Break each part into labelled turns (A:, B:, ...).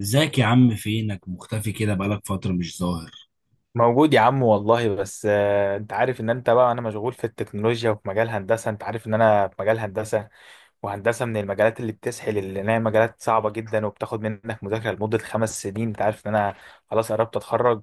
A: ازيك يا عم؟ فينك مختفي كده، بقالك فترة مش ظاهر.
B: موجود يا عم والله، بس انت عارف ان انت بقى انا مشغول في التكنولوجيا وفي مجال هندسة. انت عارف ان انا في مجال هندسة، وهندسة من المجالات اللي بتسحل، اللي هي مجالات صعبة جدا وبتاخد منك مذاكرة لمدة 5 سنين. انت عارف ان انا خلاص قربت اتخرج.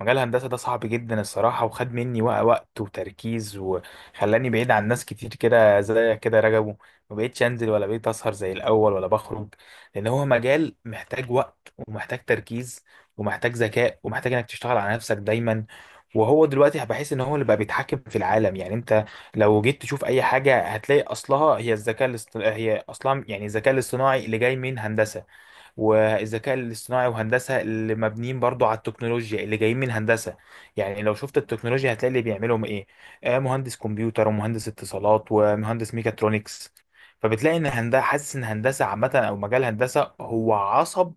B: مجال الهندسة ده صعب جدا الصراحة، وخد مني وقت وتركيز، وخلاني بعيد عن ناس كتير، كده زي كده رجبوا. ما بقيتش انزل ولا بقيت اسهر زي الاول ولا بخرج، لان هو مجال محتاج وقت ومحتاج تركيز ومحتاج ذكاء ومحتاج انك تشتغل على نفسك دايما. وهو دلوقتي بحس ان هو اللي بقى بيتحكم في العالم. يعني انت لو جيت تشوف اي حاجه هتلاقي اصلها هي الذكاء الاصطناعي، هي اصلا يعني الذكاء الاصطناعي اللي جاي من هندسه، والذكاء الاصطناعي وهندسه اللي مبنيين برضو على التكنولوجيا اللي جايين من هندسه. يعني لو شفت التكنولوجيا هتلاقي اللي بيعملهم ايه؟ مهندس كمبيوتر ومهندس اتصالات ومهندس ميكاترونكس. فبتلاقي ان هندسه، حاسس ان هندسه عامه او مجال هندسه هو عصب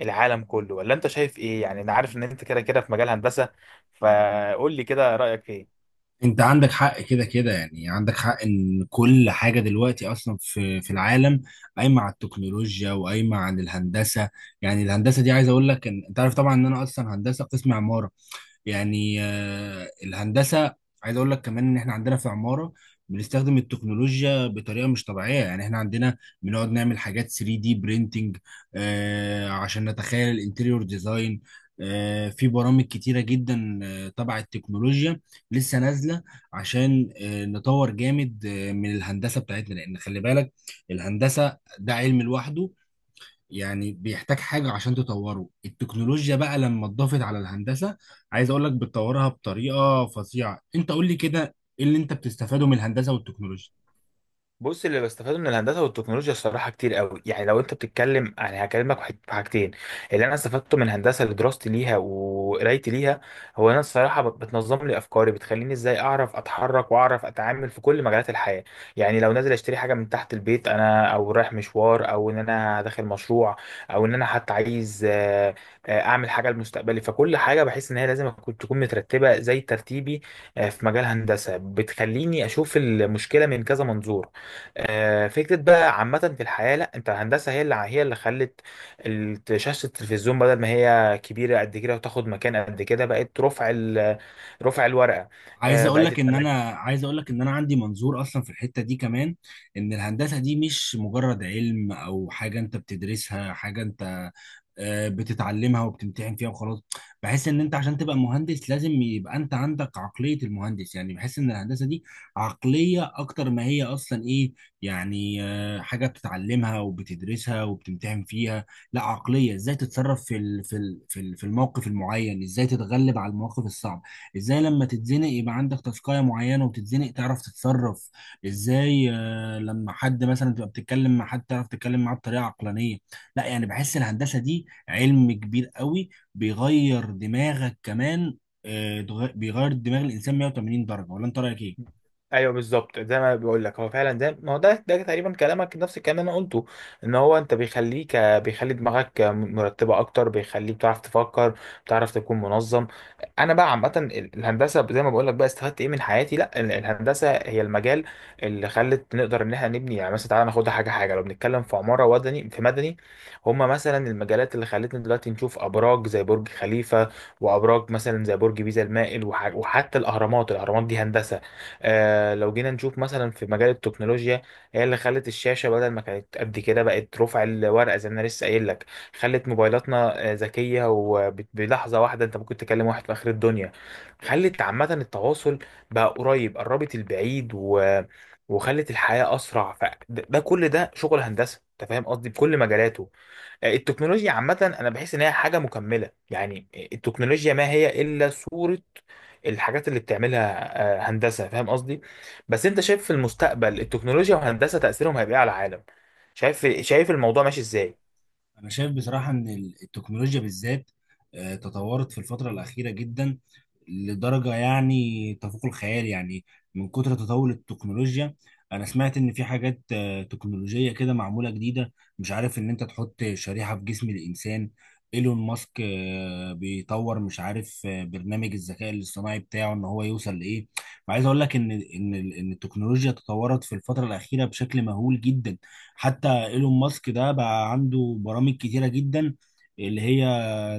B: العالم كله. ولا انت شايف ايه؟ يعني انا عارف ان انت كده كده في مجال هندسه، فقول لي كده رايك ايه؟
A: انت عندك حق، كده كده يعني عندك حق ان كل حاجة دلوقتي اصلا في العالم قايمة على التكنولوجيا وقايمة على الهندسة. يعني الهندسة دي، عايز اقول لك ان انت عارف طبعا ان انا اصلا هندسة قسم عمارة. يعني الهندسه، عايز اقول لك كمان ان احنا عندنا في عماره بنستخدم التكنولوجيا بطريقه مش طبيعيه. يعني احنا عندنا بنقعد نعمل حاجات 3 دي برينتنج عشان نتخيل الانتيريور ديزاين. في برامج كتيره جدا تبع التكنولوجيا لسه نازله، عشان نطور جامد من الهندسه بتاعتنا. لان خلي بالك، الهندسه ده علم لوحده، يعني بيحتاج حاجة عشان تطوره. التكنولوجيا بقى لما اتضافت على الهندسة، عايز اقول لك بتطورها بطريقة فظيعة. انت قول لي كده، ايه اللي انت بتستفاده من الهندسة والتكنولوجيا؟
B: بص، اللي بستفاده من الهندسه والتكنولوجيا الصراحه كتير قوي. يعني لو انت بتتكلم، يعني هكلمك في حاجتين. اللي انا استفدته من هندسه لدراستي ليها وقرايتي ليها، هو انا الصراحه بتنظم لي افكاري، بتخليني ازاي اعرف اتحرك واعرف اتعامل في كل مجالات الحياه. يعني لو نازل اشتري حاجه من تحت البيت انا، او رايح مشوار، او ان انا داخل مشروع، او ان انا حتى عايز اعمل حاجه لمستقبلي، فكل حاجه بحس ان هي لازم تكون مترتبه زي ترتيبي. في مجال هندسه بتخليني اشوف المشكله من كذا منظور، فكرة بقى عامة في الحياة. لا انت الهندسة هي اللي خلت شاشة التلفزيون، بدل ما هي كبيرة قد كده وتاخد مكان قد كده، بقت رفع رفع الورقة.
A: عايز اقول
B: بقت
A: لك ان انا،
B: التلاجة.
A: عايز اقول لك ان انا عندي منظور اصلا في الحته دي كمان. ان الهندسه دي مش مجرد علم او حاجه انت بتدرسها، حاجه انت بتتعلمها وبتمتحن فيها وخلاص. بحس ان انت عشان تبقى مهندس لازم يبقى انت عندك عقليه المهندس. يعني بحس ان الهندسه دي عقليه اكتر ما هي اصلا ايه، يعني حاجه بتتعلمها وبتدرسها وبتمتحن فيها. لا، عقليه ازاي تتصرف في الموقف المعين، ازاي تتغلب على المواقف الصعبه، ازاي لما تتزنق يبقى عندك تاسكاية معينة وتتزنق تعرف تتصرف ازاي، لما حد مثلا تبقى بتتكلم مع حد تعرف تتكلم معاه بطريقة عقلانية. لا، يعني بحس الهندسة دي علم كبير قوي، بيغير دماغك كمان. بيغير دماغ الإنسان 180 درجة، ولا انت رأيك ايه؟
B: ايوه بالظبط زي ما بقول لك. هو فعلا ده ما هو ده تقريبا كلامك نفس الكلام اللي انا قلته. ان هو انت بيخليك، بيخلي دماغك مرتبه اكتر، بيخليك بتعرف تفكر، بتعرف تكون منظم. انا بقى عامه الهندسه زي ما بقول لك بقى، استفدت ايه من حياتي؟ لا الهندسه هي المجال اللي خلت نقدر ان احنا نبني. يعني مثلا تعالى ناخدها حاجه حاجه، لو بنتكلم في عماره وطني في مدني، هما مثلا المجالات اللي خلتنا دلوقتي نشوف ابراج زي برج خليفه، وابراج مثلا زي برج بيزا المائل، وحتى الاهرامات. الاهرامات دي هندسه. لو جينا نشوف مثلا في مجال التكنولوجيا، هي اللي خلت الشاشة بدل ما كانت قد كده بقت رفع الورقة زي ما انا لسه قايل لك. خلت موبايلاتنا ذكية، وبلحظة واحدة انت ممكن تكلم واحد في آخر الدنيا. خلت عامة التواصل بقى قريب، قربت البعيد وخلت الحياة أسرع. فده كل ده شغل هندسة. أنت فاهم قصدي؟ بكل مجالاته. التكنولوجيا عامة أنا بحس إن هي حاجة مكملة، يعني التكنولوجيا ما هي إلا صورة الحاجات اللي بتعملها، هندسة. فاهم قصدي؟ بس أنت شايف في المستقبل التكنولوجيا وهندسة تأثيرهم هيبقى إيه على العالم؟ شايف شايف الموضوع ماشي إزاي؟
A: أنا شايف بصراحة إن التكنولوجيا بالذات تطورت في الفترة الأخيرة جدا، لدرجة يعني تفوق الخيال. يعني من كتر تطور التكنولوجيا، أنا سمعت إن في حاجات تكنولوجية كده معمولة جديدة، مش عارف، إن أنت تحط شريحة في جسم الإنسان. إيلون ماسك بيطور، مش عارف، برنامج الذكاء الاصطناعي بتاعه إن هو يوصل لإيه. فعايز أقول لك إن إن التكنولوجيا تطورت في الفترة الأخيرة بشكل مهول جدا. حتى ايلون ماسك ده بقى عنده برامج كتيرة جدا اللي هي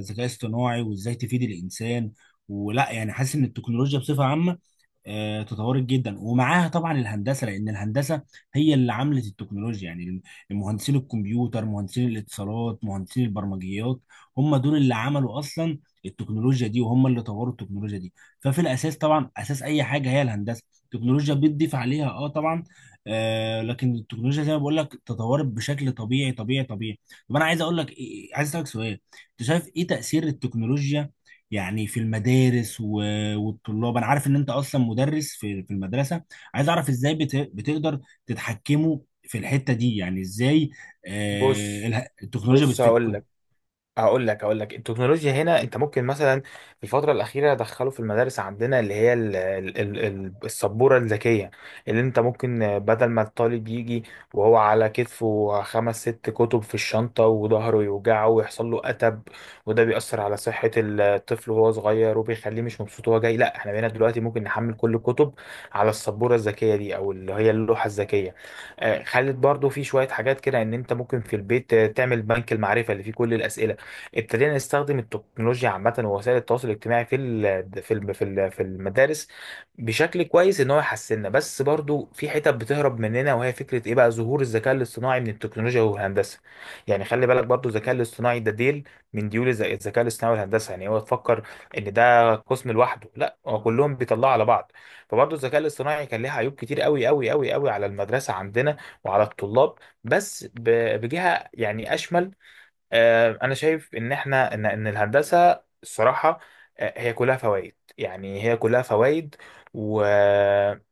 A: ذكاء اصطناعي وازاي تفيد الانسان. ولا يعني، حاسس ان التكنولوجيا بصفة عامة تطورت جدا، ومعاها طبعا الهندسه، لان الهندسه هي اللي عملت التكنولوجيا. يعني مهندسين الكمبيوتر، مهندسين الاتصالات، مهندسين البرمجيات، هم دول اللي عملوا اصلا التكنولوجيا دي، وهم اللي طوروا التكنولوجيا دي. ففي الاساس طبعا اساس اي حاجه هي الهندسه، التكنولوجيا بتضيف عليها اه طبعا. آه، لكن التكنولوجيا زي ما بقول لك تطورت بشكل طبيعي طبيعي طبيعي. طب انا عايز اقول لك عايز اسالك سؤال، انت شايف ايه تاثير التكنولوجيا يعني في المدارس و... والطلاب؟ انا عارف ان انت اصلا مدرس في المدرسه، عايز اعرف ازاي بتقدر تتحكموا في الحته دي، يعني ازاي
B: بص
A: التكنولوجيا
B: بص هقول
A: بتفيدكم؟
B: لك هقول لك هقول لك التكنولوجيا هنا انت ممكن مثلا. في الفتره الاخيره دخلوا في المدارس عندنا اللي هي السبوره الذكيه، اللي انت ممكن، بدل ما الطالب يجي وهو على كتفه خمس ست كتب في الشنطه وظهره يوجعه ويحصل له اتب، وده بيأثر على صحه الطفل وهو صغير، وبيخليه مش مبسوط وهو جاي. لا احنا بقينا دلوقتي ممكن نحمل كل الكتب على السبوره الذكيه دي، او اللي هي اللوحه الذكيه. خلت برضو في شويه حاجات كده ان انت ممكن في البيت تعمل بنك المعرفه اللي فيه كل الاسئله. ابتدينا نستخدم التكنولوجيا عامة ووسائل التواصل الاجتماعي في المدارس بشكل كويس، ان هو يحسننا. بس برضو في حتت بتهرب مننا، وهي فكرة ايه بقى؟ ظهور الذكاء الاصطناعي من التكنولوجيا والهندسة. يعني خلي بالك برضو الذكاء الاصطناعي ده ديل من ديول الذكاء الاصطناعي والهندسة. يعني هو تفكر ان ده قسم لوحده؟ لا هو كلهم بيطلعوا على بعض. فبرضو الذكاء الاصطناعي كان ليه عيوب كتير قوي قوي قوي قوي على المدرسة عندنا وعلى الطلاب. بس بجهة يعني اشمل، انا شايف ان احنا ان الهندسه الصراحه، هي كلها فوائد، يعني هي كلها فوائد، و...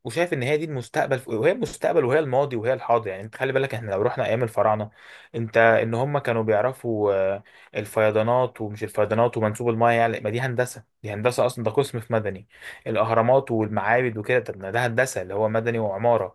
B: وشايف ان هي دي المستقبل، وهي المستقبل وهي الماضي وهي الحاضر. يعني انت خلي بالك احنا لو رحنا ايام الفراعنه، انت ان هم كانوا بيعرفوا الفيضانات ومش الفيضانات ومنسوب المايه، يعني ما دي هندسه، دي هندسه اصلا، ده قسم في مدني. الاهرامات والمعابد وكده، طب ما ده هندسه اللي هو مدني وعماره.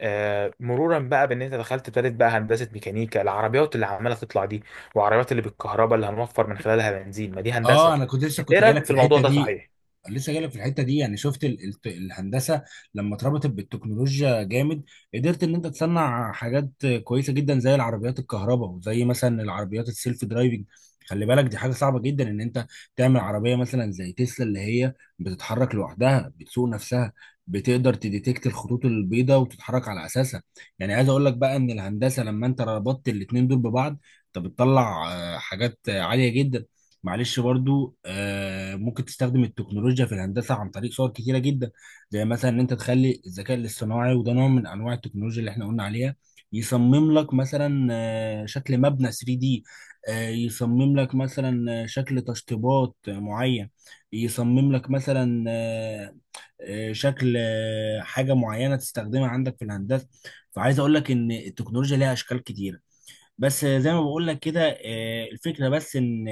B: مرورا بقى بان انت دخلت ابتدت بقى هندسه ميكانيكا، العربيات اللي عماله تطلع دي، وعربيات اللي بالكهرباء اللي هنوفر من خلالها بنزين، ما دي
A: اه
B: هندسه.
A: انا كنت لسه
B: انت ايه
A: كنت
B: رايك
A: جايلك
B: في
A: في
B: الموضوع
A: الحته
B: ده؟
A: دي،
B: صحيح؟
A: لسه جايلك في الحته دي. يعني شفت الهندسه لما اتربطت بالتكنولوجيا جامد، قدرت ان انت تصنع حاجات كويسه جدا زي العربيات الكهرباء، وزي مثلا العربيات السيلف درايفنج. خلي بالك دي حاجه صعبه جدا ان انت تعمل عربيه مثلا زي تسلا اللي هي بتتحرك لوحدها، بتسوق نفسها، بتقدر تديتكت الخطوط البيضاء وتتحرك على اساسها. يعني عايز اقول لك بقى ان الهندسه لما انت ربطت الاتنين دول ببعض، انت بتطلع حاجات عاليه جدا. معلش، برضو ممكن تستخدم التكنولوجيا في الهندسة عن طريق صور كتيرة جدا. زي مثلا ان انت تخلي الذكاء الاصطناعي، وده نوع من انواع التكنولوجيا اللي احنا قلنا عليها، يصمم لك مثلا شكل مبنى 3D، يصمم لك مثلا شكل تشطيبات معين، يصمم لك مثلا شكل حاجة معينة تستخدمها عندك في الهندسة. فعايز اقول لك ان التكنولوجيا ليها اشكال كتيرة. بس زي ما بقول لك كده، الفكرة بس ان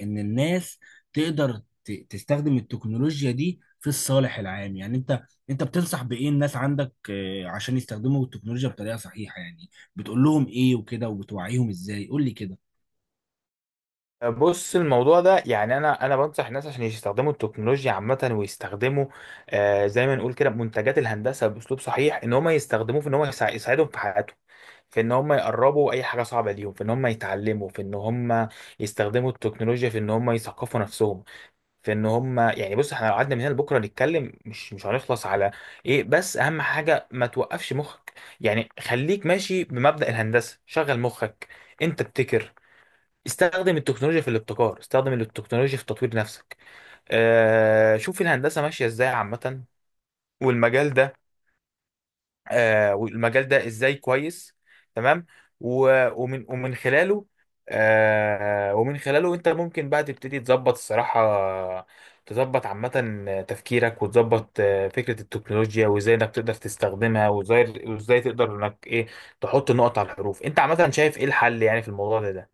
A: الناس تقدر تستخدم التكنولوجيا دي في الصالح العام. يعني انت، انت بتنصح بايه الناس عندك عشان يستخدموا التكنولوجيا بطريقة صحيحة؟ يعني بتقول لهم ايه وكده، وبتوعيهم ازاي؟ قول لي كده.
B: بص الموضوع ده يعني، انا بنصح الناس عشان يستخدموا التكنولوجيا عامه، ويستخدموا زي ما نقول كده منتجات الهندسه باسلوب صحيح، ان هم يستخدموه في ان هم يساعدهم في حياتهم، في ان هم يقربوا اي حاجه صعبه ليهم، في ان هم يتعلموا، في ان هم يستخدموا التكنولوجيا في ان هم يثقفوا نفسهم، في ان هم يعني. بص احنا لو قعدنا من هنا لبكره نتكلم مش هنخلص على ايه. بس اهم حاجه ما توقفش مخك، يعني خليك ماشي بمبدأ الهندسه، شغل مخك، انت ابتكر. استخدم التكنولوجيا في الابتكار، استخدم التكنولوجيا في تطوير نفسك. شوف الهندسه ماشيه ازاي عامه، والمجال ده، والمجال ده ازاي كويس. تمام. ومن خلاله، ومن خلاله انت ممكن بقى تبتدي تظبط الصراحة، تظبط عامة تفكيرك، وتظبط فكرة التكنولوجيا، وازاي انك تقدر تستخدمها، وازاي تقدر انك ايه، تحط النقط على الحروف. انت عامة شايف ايه الحل يعني في الموضوع ده؟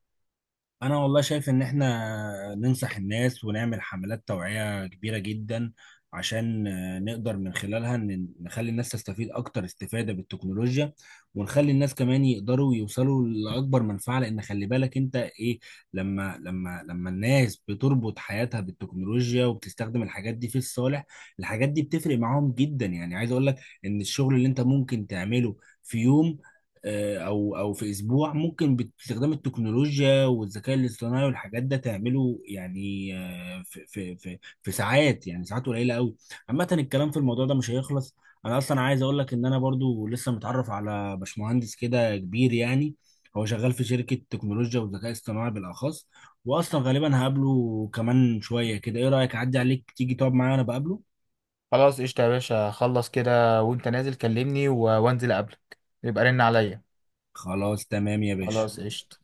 A: انا والله شايف ان احنا ننصح الناس ونعمل حملات توعية كبيرة جدا، عشان نقدر من خلالها نخلي الناس تستفيد اكتر استفادة بالتكنولوجيا، ونخلي الناس كمان يقدروا يوصلوا لاكبر منفعة. لان خلي بالك انت ايه، لما لما الناس بتربط حياتها بالتكنولوجيا وبتستخدم الحاجات دي في الصالح، الحاجات دي بتفرق معاهم جدا. يعني عايز اقول لك ان الشغل اللي انت ممكن تعمله في يوم او في اسبوع، ممكن باستخدام التكنولوجيا والذكاء الاصطناعي والحاجات ده تعمله يعني في ساعات، يعني ساعات قليله قوي. عامه الكلام في الموضوع ده مش هيخلص. انا اصلا عايز اقول لك ان انا برضو لسه متعرف على باشمهندس كده كبير يعني، هو شغال في شركه تكنولوجيا والذكاء الاصطناعي بالاخص. واصلا غالبا هقابله كمان شويه كده، ايه رايك اعدي عليك تيجي تقعد معايا وانا بقابله؟
B: خلاص قشطة يا باشا، خلص كده وانت نازل كلمني، وانزل قبلك، يبقى رن عليا.
A: خلاص تمام يا باشا.
B: خلاص قشطة.